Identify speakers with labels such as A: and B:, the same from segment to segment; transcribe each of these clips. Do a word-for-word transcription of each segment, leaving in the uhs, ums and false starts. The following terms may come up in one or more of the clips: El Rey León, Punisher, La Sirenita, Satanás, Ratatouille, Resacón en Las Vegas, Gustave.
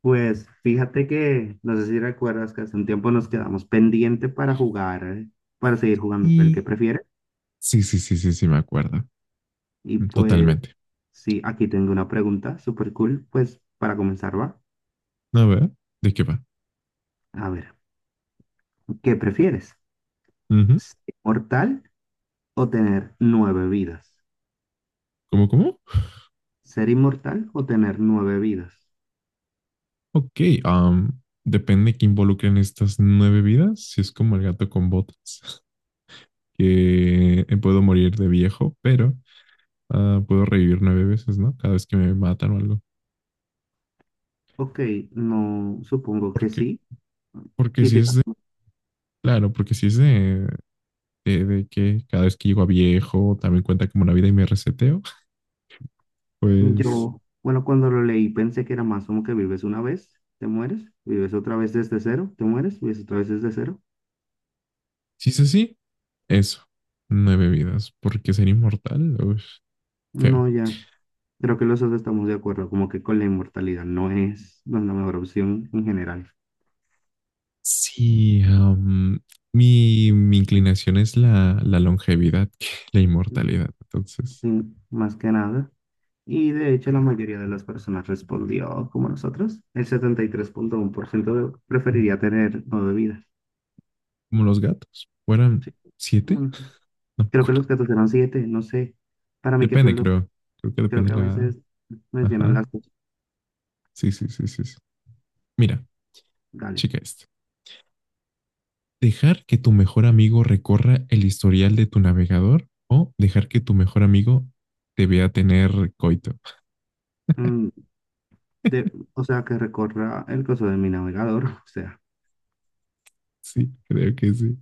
A: Pues fíjate que, no sé si recuerdas que hace un tiempo nos quedamos pendiente para jugar, eh, para seguir jugando el que
B: Y,
A: prefieres.
B: sí, sí, sí, sí, sí, me acuerdo.
A: Y pues
B: Totalmente.
A: sí, aquí tengo una pregunta súper cool, pues para comenzar va.
B: A ver, ¿de qué va?
A: A ver, ¿qué prefieres?
B: Ujú.
A: ¿Ser inmortal o tener nueve vidas?
B: ¿Cómo, cómo?
A: ¿Ser inmortal o tener nueve vidas?
B: Ok, am, depende que involucren estas nueve vidas. Si es como el gato con botas, que puedo morir de viejo, pero ah, puedo revivir nueve veces, ¿no? Cada vez que me matan o algo.
A: Ok, no, supongo que
B: Porque,
A: sí.
B: porque si es
A: Quisieras.
B: de, claro, porque si es de, de, de que cada vez que llego a viejo también cuenta como una vida y me reseteo, pues.
A: Yo, bueno, cuando lo leí pensé que era más como que vives una vez, te mueres, vives otra vez desde cero, te mueres, vives otra vez desde cero.
B: Si es así, eso. Nueve vidas, porque ser inmortal, uf, feo.
A: No, ya, creo que los dos estamos de acuerdo, como que con la inmortalidad no es, no es la mejor opción en general.
B: Sí, am, mi, mi inclinación es la, la longevidad que la
A: ¿No?
B: inmortalidad. Entonces,
A: Sí, más que nada. Y de hecho la mayoría de las personas respondió como nosotros. El setenta y tres punto uno por ciento de- preferiría tener nueve vidas.
B: como los gatos, ¿fueran
A: Sí.
B: siete?
A: Mm,
B: No me
A: Creo que
B: acuerdo.
A: los gatos eran siete, no sé. Para mí que
B: Depende,
A: son los,
B: creo. Creo que
A: creo
B: depende
A: que a
B: la...
A: veces mencionan
B: Ajá.
A: las.
B: Sí, sí, sí, sí, sí. Mira,
A: Dale.
B: chica esto. Dejar que tu mejor amigo recorra el historial de tu navegador o dejar que tu mejor amigo te vea tener coito.
A: Mm, de, o sea, que recorra el coso de mi navegador. O sea,
B: Sí, creo que sí.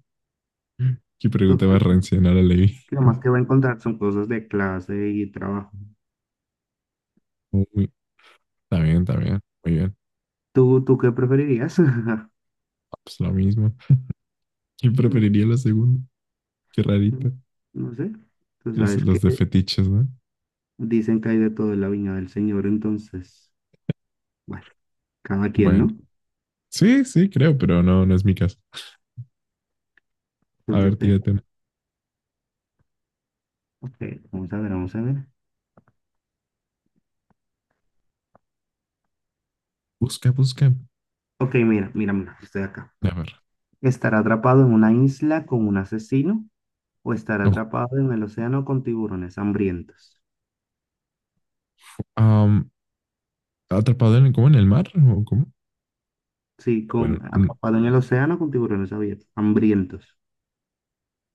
B: ¿Qué pregunta
A: total.
B: más rancia? No la leí.
A: Que lo más que va a encontrar son cosas de clase y trabajo.
B: Uy, está bien, está bien. Muy bien.
A: ¿Tú, tú qué preferirías?
B: Ah, pues lo mismo. ¿Quién
A: Mm,
B: preferiría la segunda? Qué
A: mm,
B: rarita.
A: No sé. Tú
B: Es
A: sabes
B: los
A: que
B: de fetiches, ¿no?
A: dicen que hay de todo en la viña del Señor, entonces, bueno, cada quien,
B: Bueno.
A: ¿no?
B: Sí, sí, creo, pero no, no es mi caso. A ver,
A: Entonces, de-
B: tírate una.
A: ok, vamos a ver, vamos a ver.
B: Busca, busca.
A: Ok, mira, mira, mira, estoy acá.
B: A ver.
A: ¿Estar atrapado en una isla con un asesino o estar
B: Oh,
A: atrapado en el océano con tiburones hambrientos?
B: am, ¿atrapado en, cómo, en el mar? ¿O cómo?
A: Sí, con
B: Bueno, en-
A: atrapado en el océano con tiburones abiertos, hambrientos.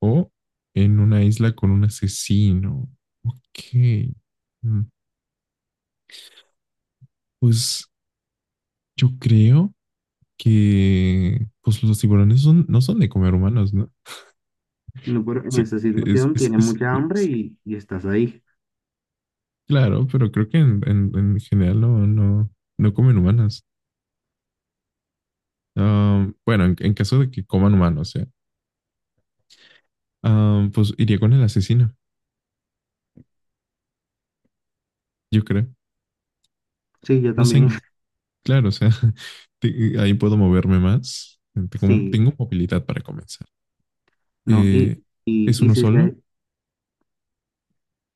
B: o en una isla con un asesino. Ok. Mm, pues yo creo que pues los tiburones son, no son de comer humanos, ¿no?
A: No, pero en
B: Sí,
A: esa
B: es,
A: situación
B: es,
A: tienes
B: es,
A: mucha hambre
B: es-
A: y, y estás ahí.
B: claro, pero creo que en, en- en general no, no, no comen humanas. Ah, bueno, en, en caso de que coman humanos, o sea, ah, pues iría con el asesino, yo creo.
A: Sí, yo
B: No sé,
A: también.
B: en- claro, o sea, te- ahí puedo moverme más. Tengo,
A: Sí,
B: tengo movilidad para comenzar.
A: no, y,
B: Eh,
A: y,
B: ¿es
A: y
B: uno
A: si
B: solo?
A: se,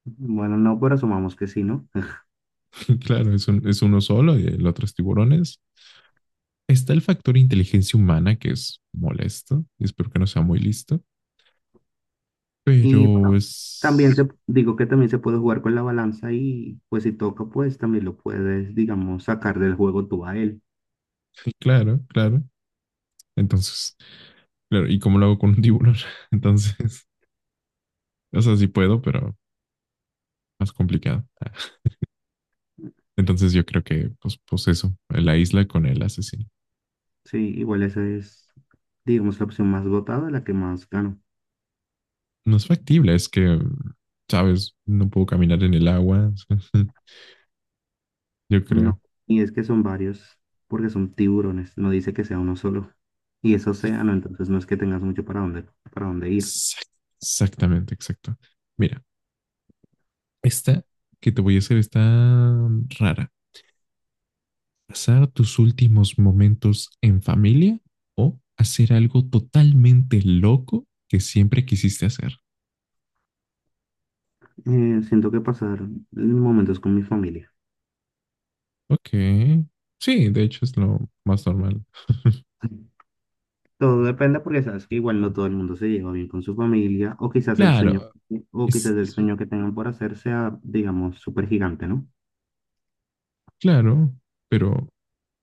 A: bueno, no, pero asumamos que sí, ¿no?
B: Claro, es, un- es uno solo y el otro es tiburones. Está el factor inteligencia humana que es molesto. Espero que no sea muy listo,
A: Y bueno,
B: pero
A: también
B: es.
A: se, digo que también se puede jugar con la balanza y pues si toca, pues también lo puedes, digamos, sacar del juego tú a él.
B: Claro, claro. Entonces, claro, ¿y cómo lo hago con un tiburón? Entonces, o sea, sí puedo, pero más complicado. Entonces yo creo que, pues, pues eso, la isla con el asesino.
A: Sí, igual esa es, digamos, la opción más votada, la que más gana.
B: No es factible, es que, sabes, no puedo caminar en el agua, yo creo.
A: No, y es que son varios, porque son tiburones, no dice que sea uno solo. Y es
B: Sí.
A: océano, entonces no es que tengas mucho para dónde, para dónde ir.
B: Exact- Exactamente, exacto. Mira, esta que te voy a hacer está rara. ¿Pasar tus últimos momentos en familia o hacer algo totalmente loco que siempre quisiste hacer?
A: Eh, siento que pasar momentos con mi familia.
B: Ok. Sí, de hecho es lo más normal.
A: Todo depende porque sabes que igual no todo el mundo se lleva bien con su familia, o quizás el sueño,
B: Claro,
A: o quizás
B: es,
A: el
B: es-
A: sueño que tengan por hacer sea, digamos, súper gigante, ¿no?
B: claro, pero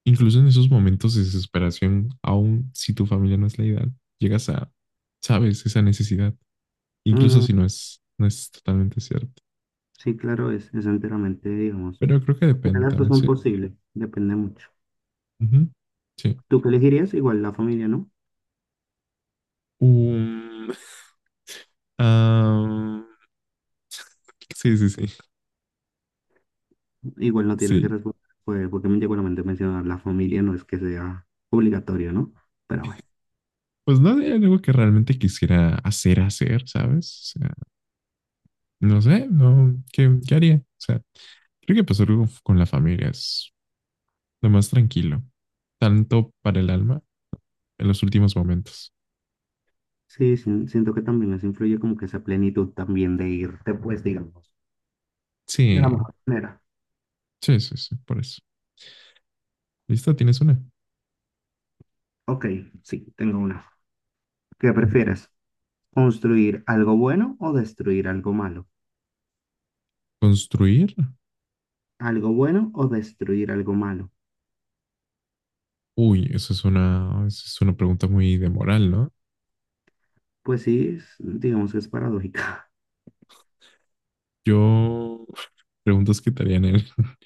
B: incluso en esos momentos de desesperación, aun si tu familia no es la ideal, llegas a, sabes, esa necesidad, incluso
A: Mm,
B: si no es, no es totalmente cierto.
A: sí, claro, es, es enteramente, digamos.
B: Pero creo que
A: Cualquiera
B: depende
A: de las dos
B: también,
A: son
B: sí.
A: posibles, depende mucho.
B: Ujú, sí.
A: ¿Tú qué elegirías? Igual la familia, ¿no?
B: Um, ah, sí, sí, sí.
A: Igual no tienes que
B: Sí,
A: responder, pues, porque igualmente mencionar la familia no es que sea obligatorio, ¿no? Pero bueno,
B: pues no es algo que realmente quisiera hacer, hacer, ¿sabes? O sea, no sé, no, ¿qué, qué haría? O sea, creo que pasar algo con la familia es lo más tranquilo, tanto para el alma en los últimos momentos.
A: sí, sí, siento que también eso influye como que esa plenitud también de irte, pues, digamos, de la
B: Sí,
A: mejor manera.
B: sí, sí, sí, por eso. ¿Listo? ¿Tienes una?
A: Ok, sí, tengo una. ¿Qué prefieres? ¿Construir algo bueno o destruir algo malo?
B: ¿Construir?
A: ¿Algo bueno o destruir algo malo?
B: Uy, eso es una, eso es una pregunta muy de moral, ¿no?
A: Pues sí, es- digamos que es paradójica.
B: Yo preguntas que te harían en,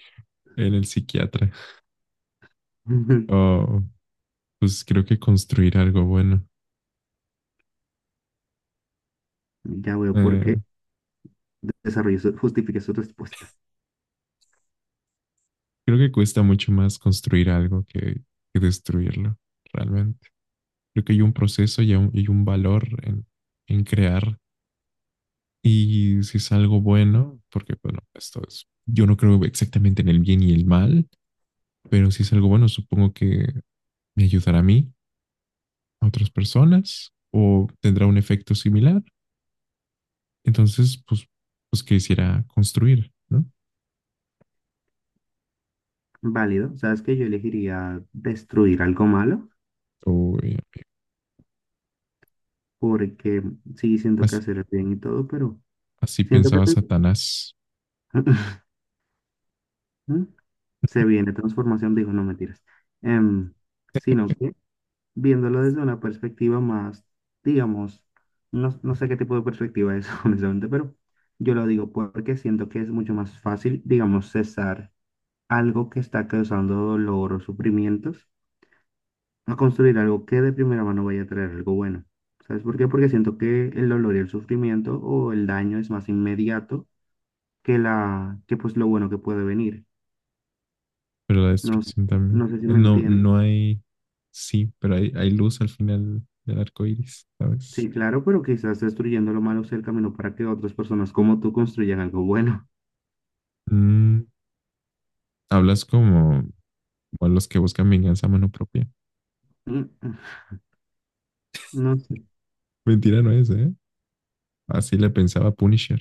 B: en el psiquiatra. Oh, pues creo que construir algo bueno.
A: Ya veo por qué
B: Eh,
A: desarrollo su, justifique su respuesta.
B: Creo que cuesta mucho más construir algo que, que destruirlo, realmente. Creo que hay un proceso y un, y un valor en, en, crear. Y si es algo bueno, porque bueno, esto es, yo no creo exactamente en el bien y el mal, pero si es algo bueno, supongo que me ayudará a mí, a otras personas, o tendrá un efecto similar. Entonces, pues, pues quisiera construir, ¿no?
A: Válido, sabes que yo elegiría destruir algo malo
B: O eh,
A: porque sí siento que
B: as-
A: hacer el bien y todo, pero
B: así
A: siento que
B: pensaba Satanás.
A: se, se viene transformación, digo, no mentiras, Em, sino que viéndolo desde una perspectiva más, digamos, no, no sé qué tipo de perspectiva es, honestamente, pero yo lo digo porque siento que es mucho más fácil, digamos, cesar algo que está causando dolor o sufrimientos a construir algo que de primera mano vaya a traer algo bueno. ¿Sabes por qué? Porque siento que el dolor y el sufrimiento o el daño es más inmediato que la, que pues lo bueno que puede venir.
B: Pero la
A: No, s-
B: destrucción también.
A: no sé si me
B: No,
A: entienden.
B: no hay, sí, pero hay, hay luz al final del arco iris, ¿sabes?
A: Sí, claro, pero quizás destruyendo lo malo sea el camino para que otras personas como tú construyan algo bueno.
B: Mm, hablas como, como los que buscan venganza a mano propia.
A: Mm, mm, No sé,
B: Mentira no es, ¿eh? Así le pensaba Punisher.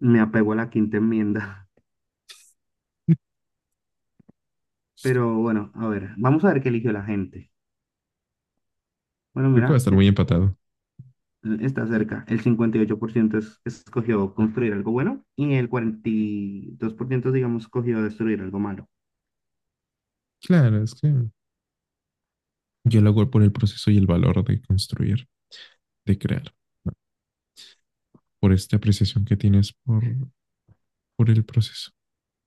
A: me apego a la quinta enmienda. Pero bueno, a ver, vamos a ver qué eligió la gente. Bueno,
B: Creo que va a
A: mira,
B: estar
A: es-
B: muy empatado.
A: está cerca. El cincuenta y ocho por ciento es- escogió construir algo bueno y el cuarenta y dos por ciento digamos escogió destruir algo malo.
B: Claro, es que yo lo hago por el proceso y el valor de construir, de crear, ¿no? Por esta apreciación que tienes por, por el proceso.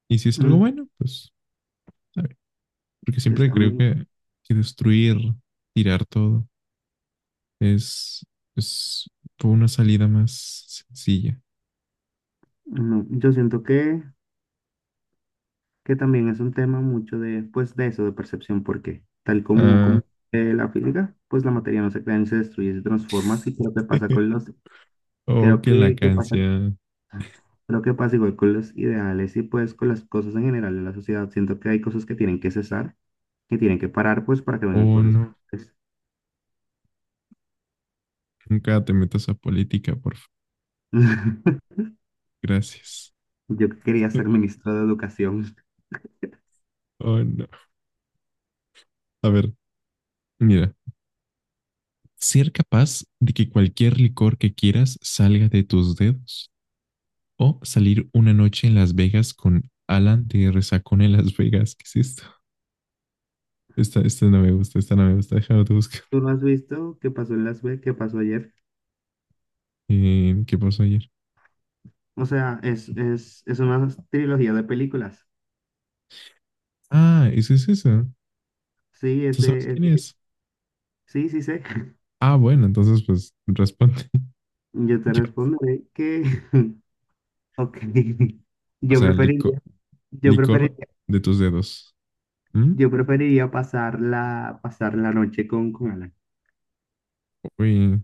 B: Y si es algo
A: Mm,
B: bueno, pues, a ver, porque
A: Pues
B: siempre creo
A: también,
B: que, que destruir, tirar todo, Es, es por una salida más sencilla.
A: no, yo siento que que también es un tema mucho de, pues, de eso, de percepción, porque tal como,
B: Ah,
A: como eh, la física, pues la materia no se crea ni se destruye, se transforma, así creo que pasa con los,
B: o
A: creo
B: que la
A: que, que pasa,
B: canción.
A: creo que pasa igual con los ideales y pues con las cosas en general de la sociedad. Siento que hay cosas que tienen que cesar, que tienen que parar, pues, para que vengan
B: Oh,
A: cosas
B: no.
A: mejores.
B: Nunca te metas a política, por favor. Gracias.
A: Yo que quería ser ministro de educación.
B: Oh, no. A ver, mira. Ser capaz de que cualquier licor que quieras salga de tus dedos. O salir una noche en Las Vegas con Alan de Resacón en Las Vegas. ¿Qué es esto? Esta, esta no me gusta, esta no me gusta. Déjame te buscar.
A: ¿Tú no has visto qué pasó en Las Vegas, qué pasó ayer?
B: Eh, ¿qué pasó ayer?
A: O sea, es, es, es una trilogía de películas.
B: Ah, ¿ese es eso?
A: Sí, es
B: ¿Tú sabes
A: de, es
B: quién
A: de-
B: es?
A: sí, sí sé.
B: Ah, bueno, entonces pues responde.
A: Yo te
B: Yo-
A: responderé que, ok,
B: O
A: yo
B: sea, lico-
A: preferiría, yo
B: licor
A: preferiría,
B: de tus dedos. ¿Mm?
A: yo preferiría pasar la, pasar la noche con, con Alan.
B: Uy,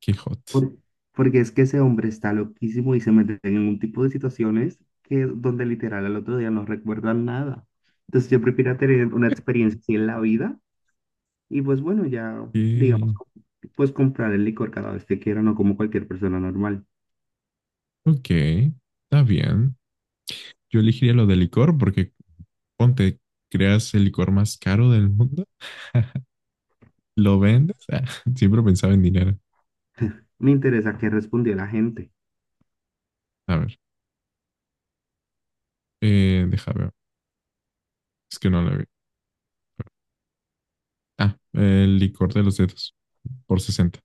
B: qué hot.
A: Por- porque es que ese hombre está loquísimo y se mete en un tipo de situaciones que donde literal al otro día no recuerdan nada. Entonces yo prefiero tener una experiencia así en la vida y pues bueno, ya digamos,
B: Y-
A: pues comprar el licor cada vez que quiera, no como cualquier persona normal.
B: Ok, está bien. Yo elegiría lo de licor porque ponte, creas el licor más caro del mundo, lo vendes. Ah, siempre pensaba en dinero.
A: Me interesa qué respondió la gente.
B: A ver, eh, deja ver. Es que no lo vi. Ah, el licor de los dedos por sesenta.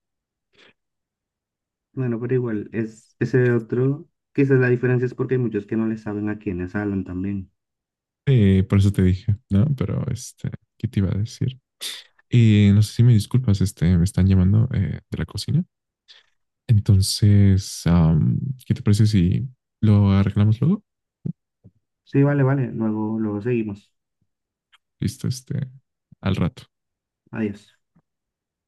A: Bueno, pero igual, es ese otro, quizás la diferencia es porque hay muchos que no le saben a quiénes hablan también.
B: Sí, por eso te dije, ¿no? Pero este, ¿qué te iba a decir? Y no sé si me disculpas, este, me están llamando eh, de la cocina. Entonces, am, ¿qué te parece si lo arreglamos luego?
A: Sí, vale, vale, luego, luego seguimos.
B: Listo, este, al rato.
A: Adiós.